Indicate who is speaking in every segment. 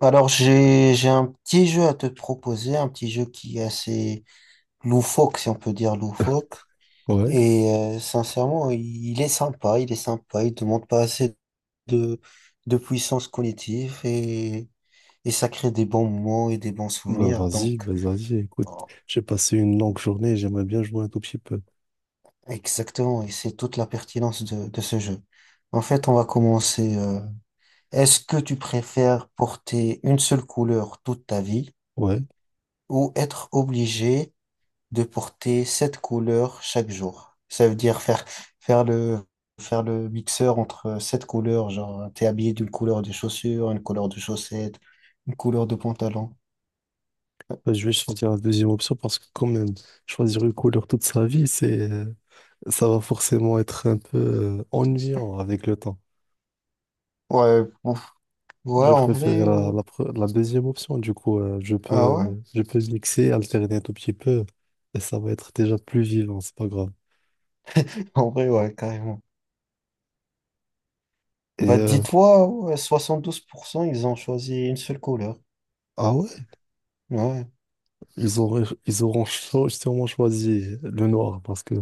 Speaker 1: Alors, j'ai un petit jeu à te proposer, un petit jeu qui est assez loufoque, si on peut dire loufoque.
Speaker 2: Ouais,
Speaker 1: Et sincèrement, il est sympa, il ne demande pas assez de, de puissance cognitive et ça crée des bons moments et des bons
Speaker 2: bah
Speaker 1: souvenirs.
Speaker 2: vas-y,
Speaker 1: Donc,
Speaker 2: bah vas-y, écoute,
Speaker 1: oh,
Speaker 2: j'ai passé une longue journée, j'aimerais bien jouer un tout petit peu.
Speaker 1: exactement, et c'est toute la pertinence de ce jeu. En fait, on va commencer. Est-ce que tu préfères porter une seule couleur toute ta vie
Speaker 2: Ouais,
Speaker 1: ou être obligé de porter sept couleurs chaque jour? Ça veut dire faire le, faire le mixeur entre sept couleurs, genre t'es habillé d'une couleur de chaussures, une couleur de chaussettes, une couleur de pantalon.
Speaker 2: bah, je vais choisir la deuxième option parce que quand même, choisir une couleur toute sa vie, ça va forcément être un peu ennuyant avec le temps.
Speaker 1: Ouais, ouf. Ouais,
Speaker 2: Je
Speaker 1: en
Speaker 2: préfère
Speaker 1: vrai,
Speaker 2: la, la, pre- la deuxième option, du coup,
Speaker 1: ah ouais,
Speaker 2: je peux mixer, alterner un tout petit peu, et ça va être déjà plus vivant, c'est pas grave.
Speaker 1: en vrai, ouais, carrément.
Speaker 2: Et
Speaker 1: Bah dis-toi, ouais, 72%, ils ont choisi une seule couleur.
Speaker 2: ah ouais,
Speaker 1: Ouais,
Speaker 2: sûrement choisi le noir parce que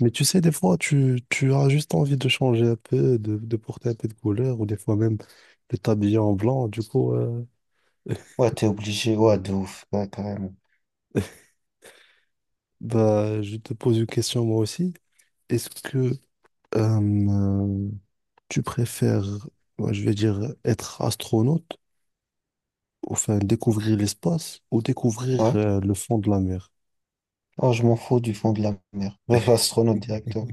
Speaker 2: mais tu sais, des fois, tu as juste envie de changer un peu, de porter un peu de couleur, ou des fois même de t'habiller en blanc. Du coup,
Speaker 1: ouais, t'es obligé, ouais, de ouf, ouais, carrément.
Speaker 2: bah, je te pose une question moi aussi. Est-ce que euh, tu préfères, ouais, je vais dire, être astronaute, ou, enfin découvrir l'espace, ou découvrir
Speaker 1: Ouais,
Speaker 2: le fond de la mer?
Speaker 1: oh, je m'en fous du fond de la mer. Bref, astronaute directeur.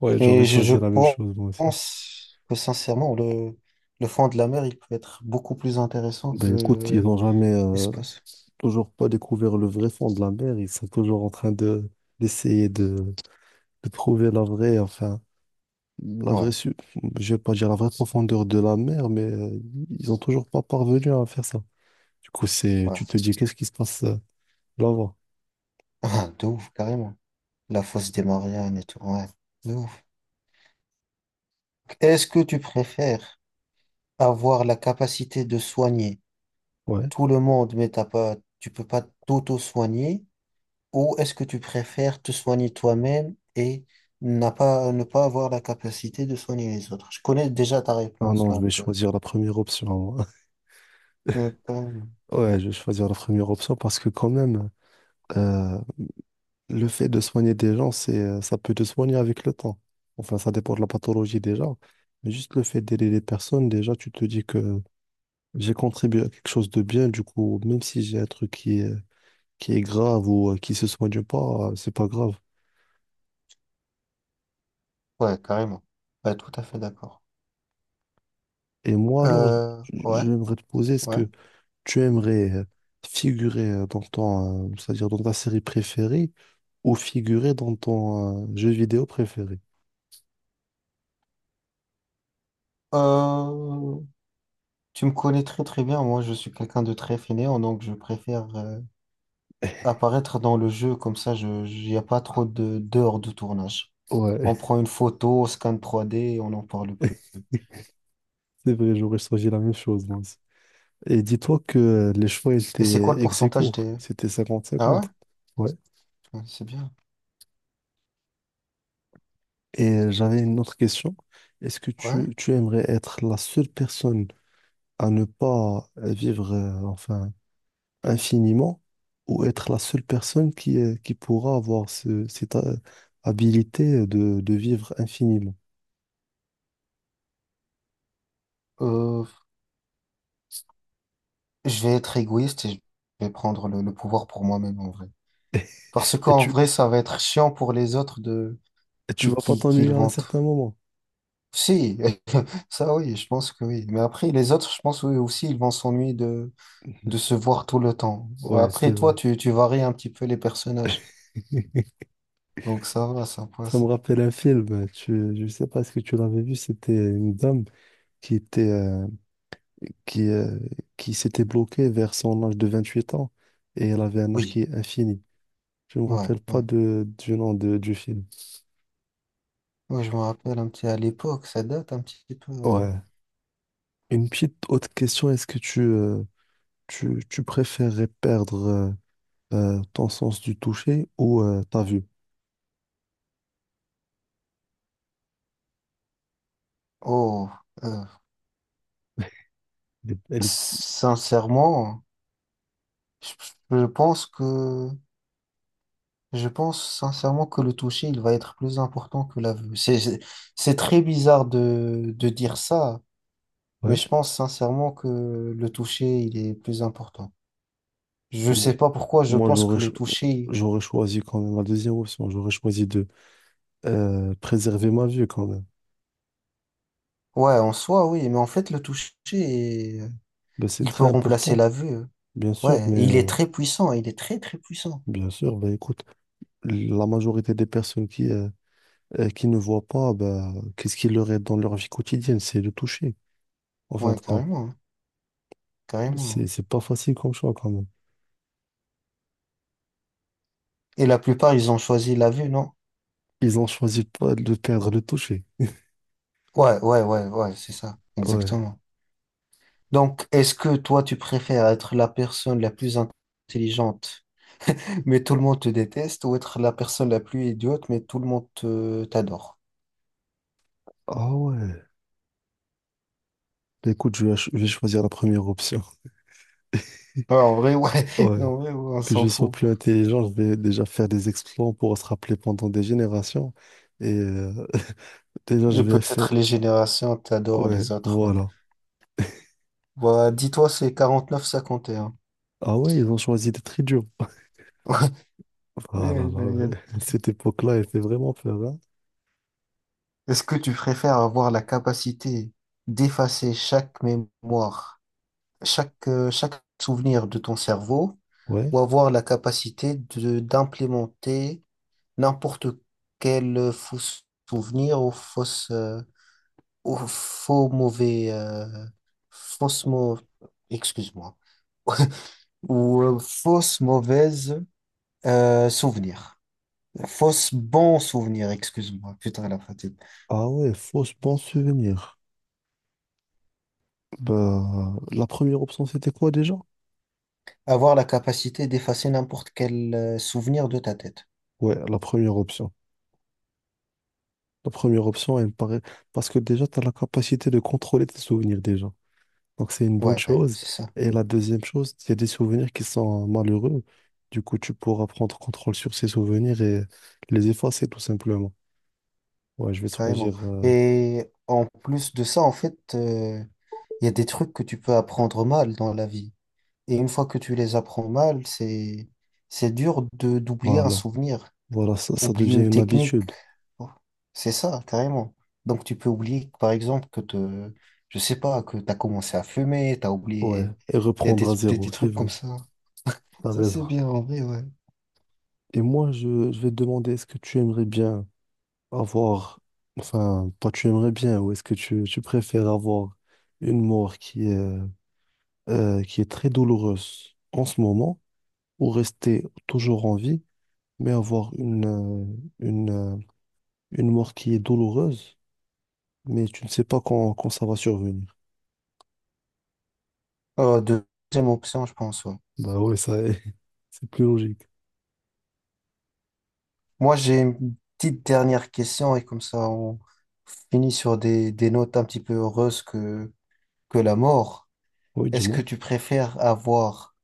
Speaker 2: Ouais, j'aurais
Speaker 1: Et je
Speaker 2: choisi la même chose moi aussi.
Speaker 1: pense que sincèrement, le fond de la mer, il peut être beaucoup plus intéressant
Speaker 2: Ben écoute, ils
Speaker 1: que
Speaker 2: n'ont jamais,
Speaker 1: l'espace.
Speaker 2: toujours pas découvert le vrai fond de la mer. Ils sont toujours en train de d'essayer de, de trouver la vraie, enfin, la vraie,
Speaker 1: Ouais,
Speaker 2: su- je vais pas dire la vraie profondeur de la mer, mais ils ont toujours pas parvenu à faire ça. Du coup, c'est,
Speaker 1: ouais.
Speaker 2: tu te dis, qu'est-ce qui se passe là-bas?
Speaker 1: Ah, de ouf, carrément. La fosse des Mariannes et tout. Ouais, de ouf. Est-ce que tu préfères avoir la capacité de soigner
Speaker 2: Ouais.
Speaker 1: tout le monde, mais t'as pas, tu peux pas t'auto-soigner, ou est-ce que tu préfères te soigner toi-même et n'a pas, ne pas avoir la capacité de soigner les autres? Je connais déjà ta
Speaker 2: Ah
Speaker 1: réponse,
Speaker 2: non, je vais
Speaker 1: donc.
Speaker 2: choisir la première option. Moi.
Speaker 1: euh, euh,
Speaker 2: Ouais, je vais choisir la première option parce que quand même, euh, le fait de soigner des gens, ça peut te soigner avec le temps. Enfin, ça dépend de la pathologie déjà. Mais juste le fait d'aider les personnes, déjà, tu te dis que j'ai contribué à quelque chose de bien. Du coup, même si j'ai un truc qui est grave ou qui se soigne pas, c'est pas grave.
Speaker 1: Ouais, carrément. Ouais, tout à fait d'accord.
Speaker 2: Et moi, alors,
Speaker 1: Ouais,
Speaker 2: j'aimerais te poser, est-ce
Speaker 1: ouais.
Speaker 2: que tu aimerais figurer c'est-à-dire dans ta série préférée ou figurer dans ton jeu vidéo préféré?
Speaker 1: Euh, Tu me connais très très bien. Moi, je suis quelqu'un de très fainéant, donc je préfère apparaître dans le jeu comme ça. Il n'y a pas trop de d'heures de tournage. On
Speaker 2: Ouais,
Speaker 1: prend une photo, scan 3D et on n'en parle plus.
Speaker 2: c'est vrai, j'aurais choisi la même chose, moi aussi. Et dis-toi que les choix
Speaker 1: Et c'est
Speaker 2: étaient
Speaker 1: quoi le
Speaker 2: ex
Speaker 1: pourcentage
Speaker 2: aequo,
Speaker 1: des...
Speaker 2: c'était cinquante
Speaker 1: Ah ouais?
Speaker 2: cinquante. Ouais.
Speaker 1: Ouais, c'est bien.
Speaker 2: Et j'avais une autre question. Est-ce que
Speaker 1: Ouais.
Speaker 2: tu aimerais être la seule personne à ne pas vivre, infiniment ou être la seule personne qui pourra avoir cette habilité de vivre infiniment.
Speaker 1: Euh, je vais être égoïste et je vais prendre le pouvoir pour moi-même en vrai. Parce
Speaker 2: Et
Speaker 1: qu'en vrai, ça va être chiant pour les autres de
Speaker 2: tu
Speaker 1: qui
Speaker 2: vas pas
Speaker 1: qui qui
Speaker 2: t'ennuyer
Speaker 1: le
Speaker 2: à un
Speaker 1: vont.
Speaker 2: certain moment.
Speaker 1: Si, ça oui, je pense que oui. Mais après, les autres, je pense oui, aussi, ils vont s'ennuyer de se voir tout le temps.
Speaker 2: Ouais, c'est
Speaker 1: Après, toi,
Speaker 2: vrai.
Speaker 1: tu varies un petit peu les personnages. Donc ça va, ça
Speaker 2: Ça me
Speaker 1: passe.
Speaker 2: rappelle un film, tu, je sais pas est-ce que tu l'avais vu, c'était une dame qui était, euh, qui, euh, qui s'était bloquée vers son âge de 28 ans et elle avait un âge qui
Speaker 1: Oui,
Speaker 2: est infini. Je me
Speaker 1: ouais,
Speaker 2: rappelle
Speaker 1: ouais.
Speaker 2: pas du nom de, du film.
Speaker 1: Ouais, je me rappelle un petit à l'époque, ça date un petit peu. Ouais.
Speaker 2: Ouais. Une petite autre question, est-ce que tu préférerais perdre ton sens du toucher ou ta vue?
Speaker 1: Oh, euh,
Speaker 2: Elle est-
Speaker 1: sincèrement, je, je pense que je pense sincèrement que le toucher, il va être plus important que la vue. C'est très bizarre de dire ça.
Speaker 2: Ouais.
Speaker 1: Mais je pense sincèrement que le toucher, il est plus important. Je
Speaker 2: Bon,
Speaker 1: sais pas pourquoi, je
Speaker 2: moi,
Speaker 1: pense que le toucher,
Speaker 2: j'aurais choisi quand même la deuxième option. J'aurais choisi de préserver ma vue quand même.
Speaker 1: ouais, en soi, oui, mais en fait, le toucher,
Speaker 2: Ben, c'est
Speaker 1: il peut
Speaker 2: très
Speaker 1: remplacer
Speaker 2: important,
Speaker 1: la vue.
Speaker 2: bien sûr,
Speaker 1: Ouais,
Speaker 2: mais
Speaker 1: et il est très puissant, il est très très puissant.
Speaker 2: bien sûr, ben, écoute, la majorité des personnes qui ne voient pas, ben, qu'est-ce qui leur est dans leur vie quotidienne? C'est le toucher, en fin
Speaker 1: Ouais,
Speaker 2: de compte.
Speaker 1: carrément, hein, carrément.
Speaker 2: C'est pas facile comme choix quand même.
Speaker 1: Et la plupart, ils ont choisi la vue, non?
Speaker 2: Ils ont choisi pas de perdre le toucher.
Speaker 1: Ouais, ouais, ouais, ouais, c'est ça,
Speaker 2: Ouais.
Speaker 1: exactement. Donc, est-ce que toi, tu préfères être la personne la plus intelligente, mais tout le monde te déteste, ou être la personne la plus idiote, mais tout le monde t'adore?
Speaker 2: Ah ouais. Bah, écoute, je vais choisir la première option.
Speaker 1: Ouais, en vrai, ouais.
Speaker 2: Ouais.
Speaker 1: En vrai, ouais, on
Speaker 2: Que
Speaker 1: s'en
Speaker 2: je sois
Speaker 1: fout.
Speaker 2: plus intelligent, je vais déjà faire des exploits pour se rappeler pendant des générations. Et déjà, je
Speaker 1: Et
Speaker 2: vais faire...
Speaker 1: peut-être les générations t'adorent
Speaker 2: Ouais,
Speaker 1: les autres. Ouais.
Speaker 2: voilà.
Speaker 1: Bah, dis-toi, c'est 49-51.
Speaker 2: Ah ouais, ils ont choisi d'être idiots. Ah
Speaker 1: Ouais,
Speaker 2: là là,
Speaker 1: mais
Speaker 2: ouais. Cette époque-là, elle fait vraiment peur, hein.
Speaker 1: est-ce que tu préfères avoir la capacité d'effacer chaque mémoire, chaque souvenir de ton cerveau,
Speaker 2: Ouais.
Speaker 1: ou avoir la capacité de d'implémenter n'importe quel faux souvenir ou ou faux mauvais, fausse mau- excuse-moi, ou fausse mauvaise souvenir. Fausse bon souvenir, excuse-moi, putain la fatigue.
Speaker 2: Ah ouais, fausse bon souvenir. Bah, la première option, c'était quoi déjà?
Speaker 1: Avoir la capacité d'effacer n'importe quel souvenir de ta tête.
Speaker 2: Ouais, la première option. La première option, elle me paraît... Parce que déjà, tu as la capacité de contrôler tes souvenirs déjà. Donc c'est une bonne
Speaker 1: Ouais,
Speaker 2: chose.
Speaker 1: c'est ça,
Speaker 2: Et la deuxième chose, il y a des souvenirs qui sont malheureux. Du coup, tu pourras prendre contrôle sur ces souvenirs et les effacer tout simplement. Ouais, je vais
Speaker 1: carrément.
Speaker 2: choisir.
Speaker 1: Et en plus de ça, en fait, il y a des trucs que tu peux apprendre mal dans la vie. Et une fois que tu les apprends mal, c'est dur de d'oublier un
Speaker 2: Voilà.
Speaker 1: souvenir.
Speaker 2: Voilà, ça
Speaker 1: Oublier
Speaker 2: devient
Speaker 1: une
Speaker 2: une
Speaker 1: technique.
Speaker 2: habitude.
Speaker 1: Oh, c'est ça, carrément. Donc tu peux oublier, par exemple, je sais pas, que tu as commencé à fumer, tu as
Speaker 2: Ouais.
Speaker 1: oublié.
Speaker 2: Et
Speaker 1: Il y a des,
Speaker 2: reprendre à
Speaker 1: des,
Speaker 2: zéro,
Speaker 1: des
Speaker 2: c'est
Speaker 1: trucs comme
Speaker 2: vrai.
Speaker 1: ça.
Speaker 2: T'as
Speaker 1: Ça, c'est
Speaker 2: raison.
Speaker 1: bien en vrai, ouais.
Speaker 2: Et moi, je vais te demander, est-ce que tu aimerais bien avoir. Enfin, pas tu aimerais bien, ou est-ce que tu préfères avoir une mort qui est très douloureuse en ce moment, ou rester toujours en vie? Mais avoir une, euh, une mort qui est douloureuse, mais tu ne sais pas quand ça va survenir.
Speaker 1: Deuxième option, je pense, ouais.
Speaker 2: Bah ouais, ça, c'est plus logique.
Speaker 1: Moi, j'ai une petite dernière question et comme ça, on finit sur des notes un petit peu heureuses que la mort.
Speaker 2: Oui,
Speaker 1: Est-ce que
Speaker 2: dis-moi.
Speaker 1: tu préfères avoir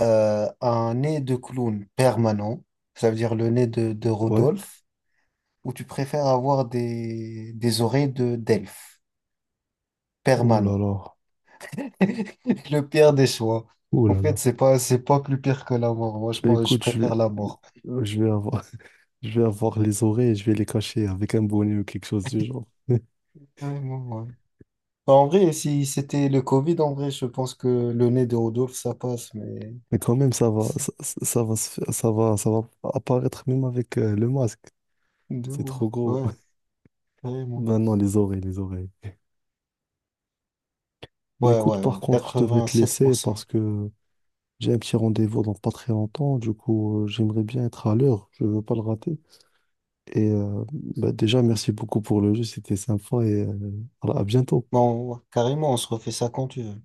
Speaker 1: un nez de clown permanent, ça veut dire le nez de
Speaker 2: Ouais.
Speaker 1: Rodolphe, ou tu préfères avoir des oreilles de d'elfe
Speaker 2: Oh là
Speaker 1: permanent?
Speaker 2: là.
Speaker 1: Le pire des choix.
Speaker 2: Oh
Speaker 1: En
Speaker 2: là là.
Speaker 1: fait, c'est pas plus pire que la mort. Moi, je
Speaker 2: Bah
Speaker 1: pense, je
Speaker 2: écoute,
Speaker 1: préfère la mort.
Speaker 2: je vais avoir, je vais avoir les oreilles et je vais les cacher avec un bonnet ou quelque chose du genre.
Speaker 1: Vraiment, ouais. En vrai, si c'était le Covid, en vrai, je pense que le nez de Rodolphe, ça passe, mais
Speaker 2: Mais quand même, ça va,
Speaker 1: c'est
Speaker 2: ça- ça va, se faire- ça va apparaître même avec le masque.
Speaker 1: de
Speaker 2: C'est
Speaker 1: ouf.
Speaker 2: trop gros.
Speaker 1: Ouais, carrément.
Speaker 2: Ben non, les oreilles, les oreilles. Mais
Speaker 1: Ouais,
Speaker 2: écoute,
Speaker 1: ouais,
Speaker 2: par
Speaker 1: ouais.
Speaker 2: contre, je devrais te
Speaker 1: quatre-vingt-sept pour
Speaker 2: laisser parce
Speaker 1: cent
Speaker 2: que j'ai un petit rendez-vous dans pas très longtemps, du coup, j'aimerais bien être à l'heure, je veux pas le rater. Et bah, déjà, merci beaucoup pour le jeu, c'était sympa et voilà, à bientôt.
Speaker 1: Bon, ouais, carrément, on se refait ça quand tu veux.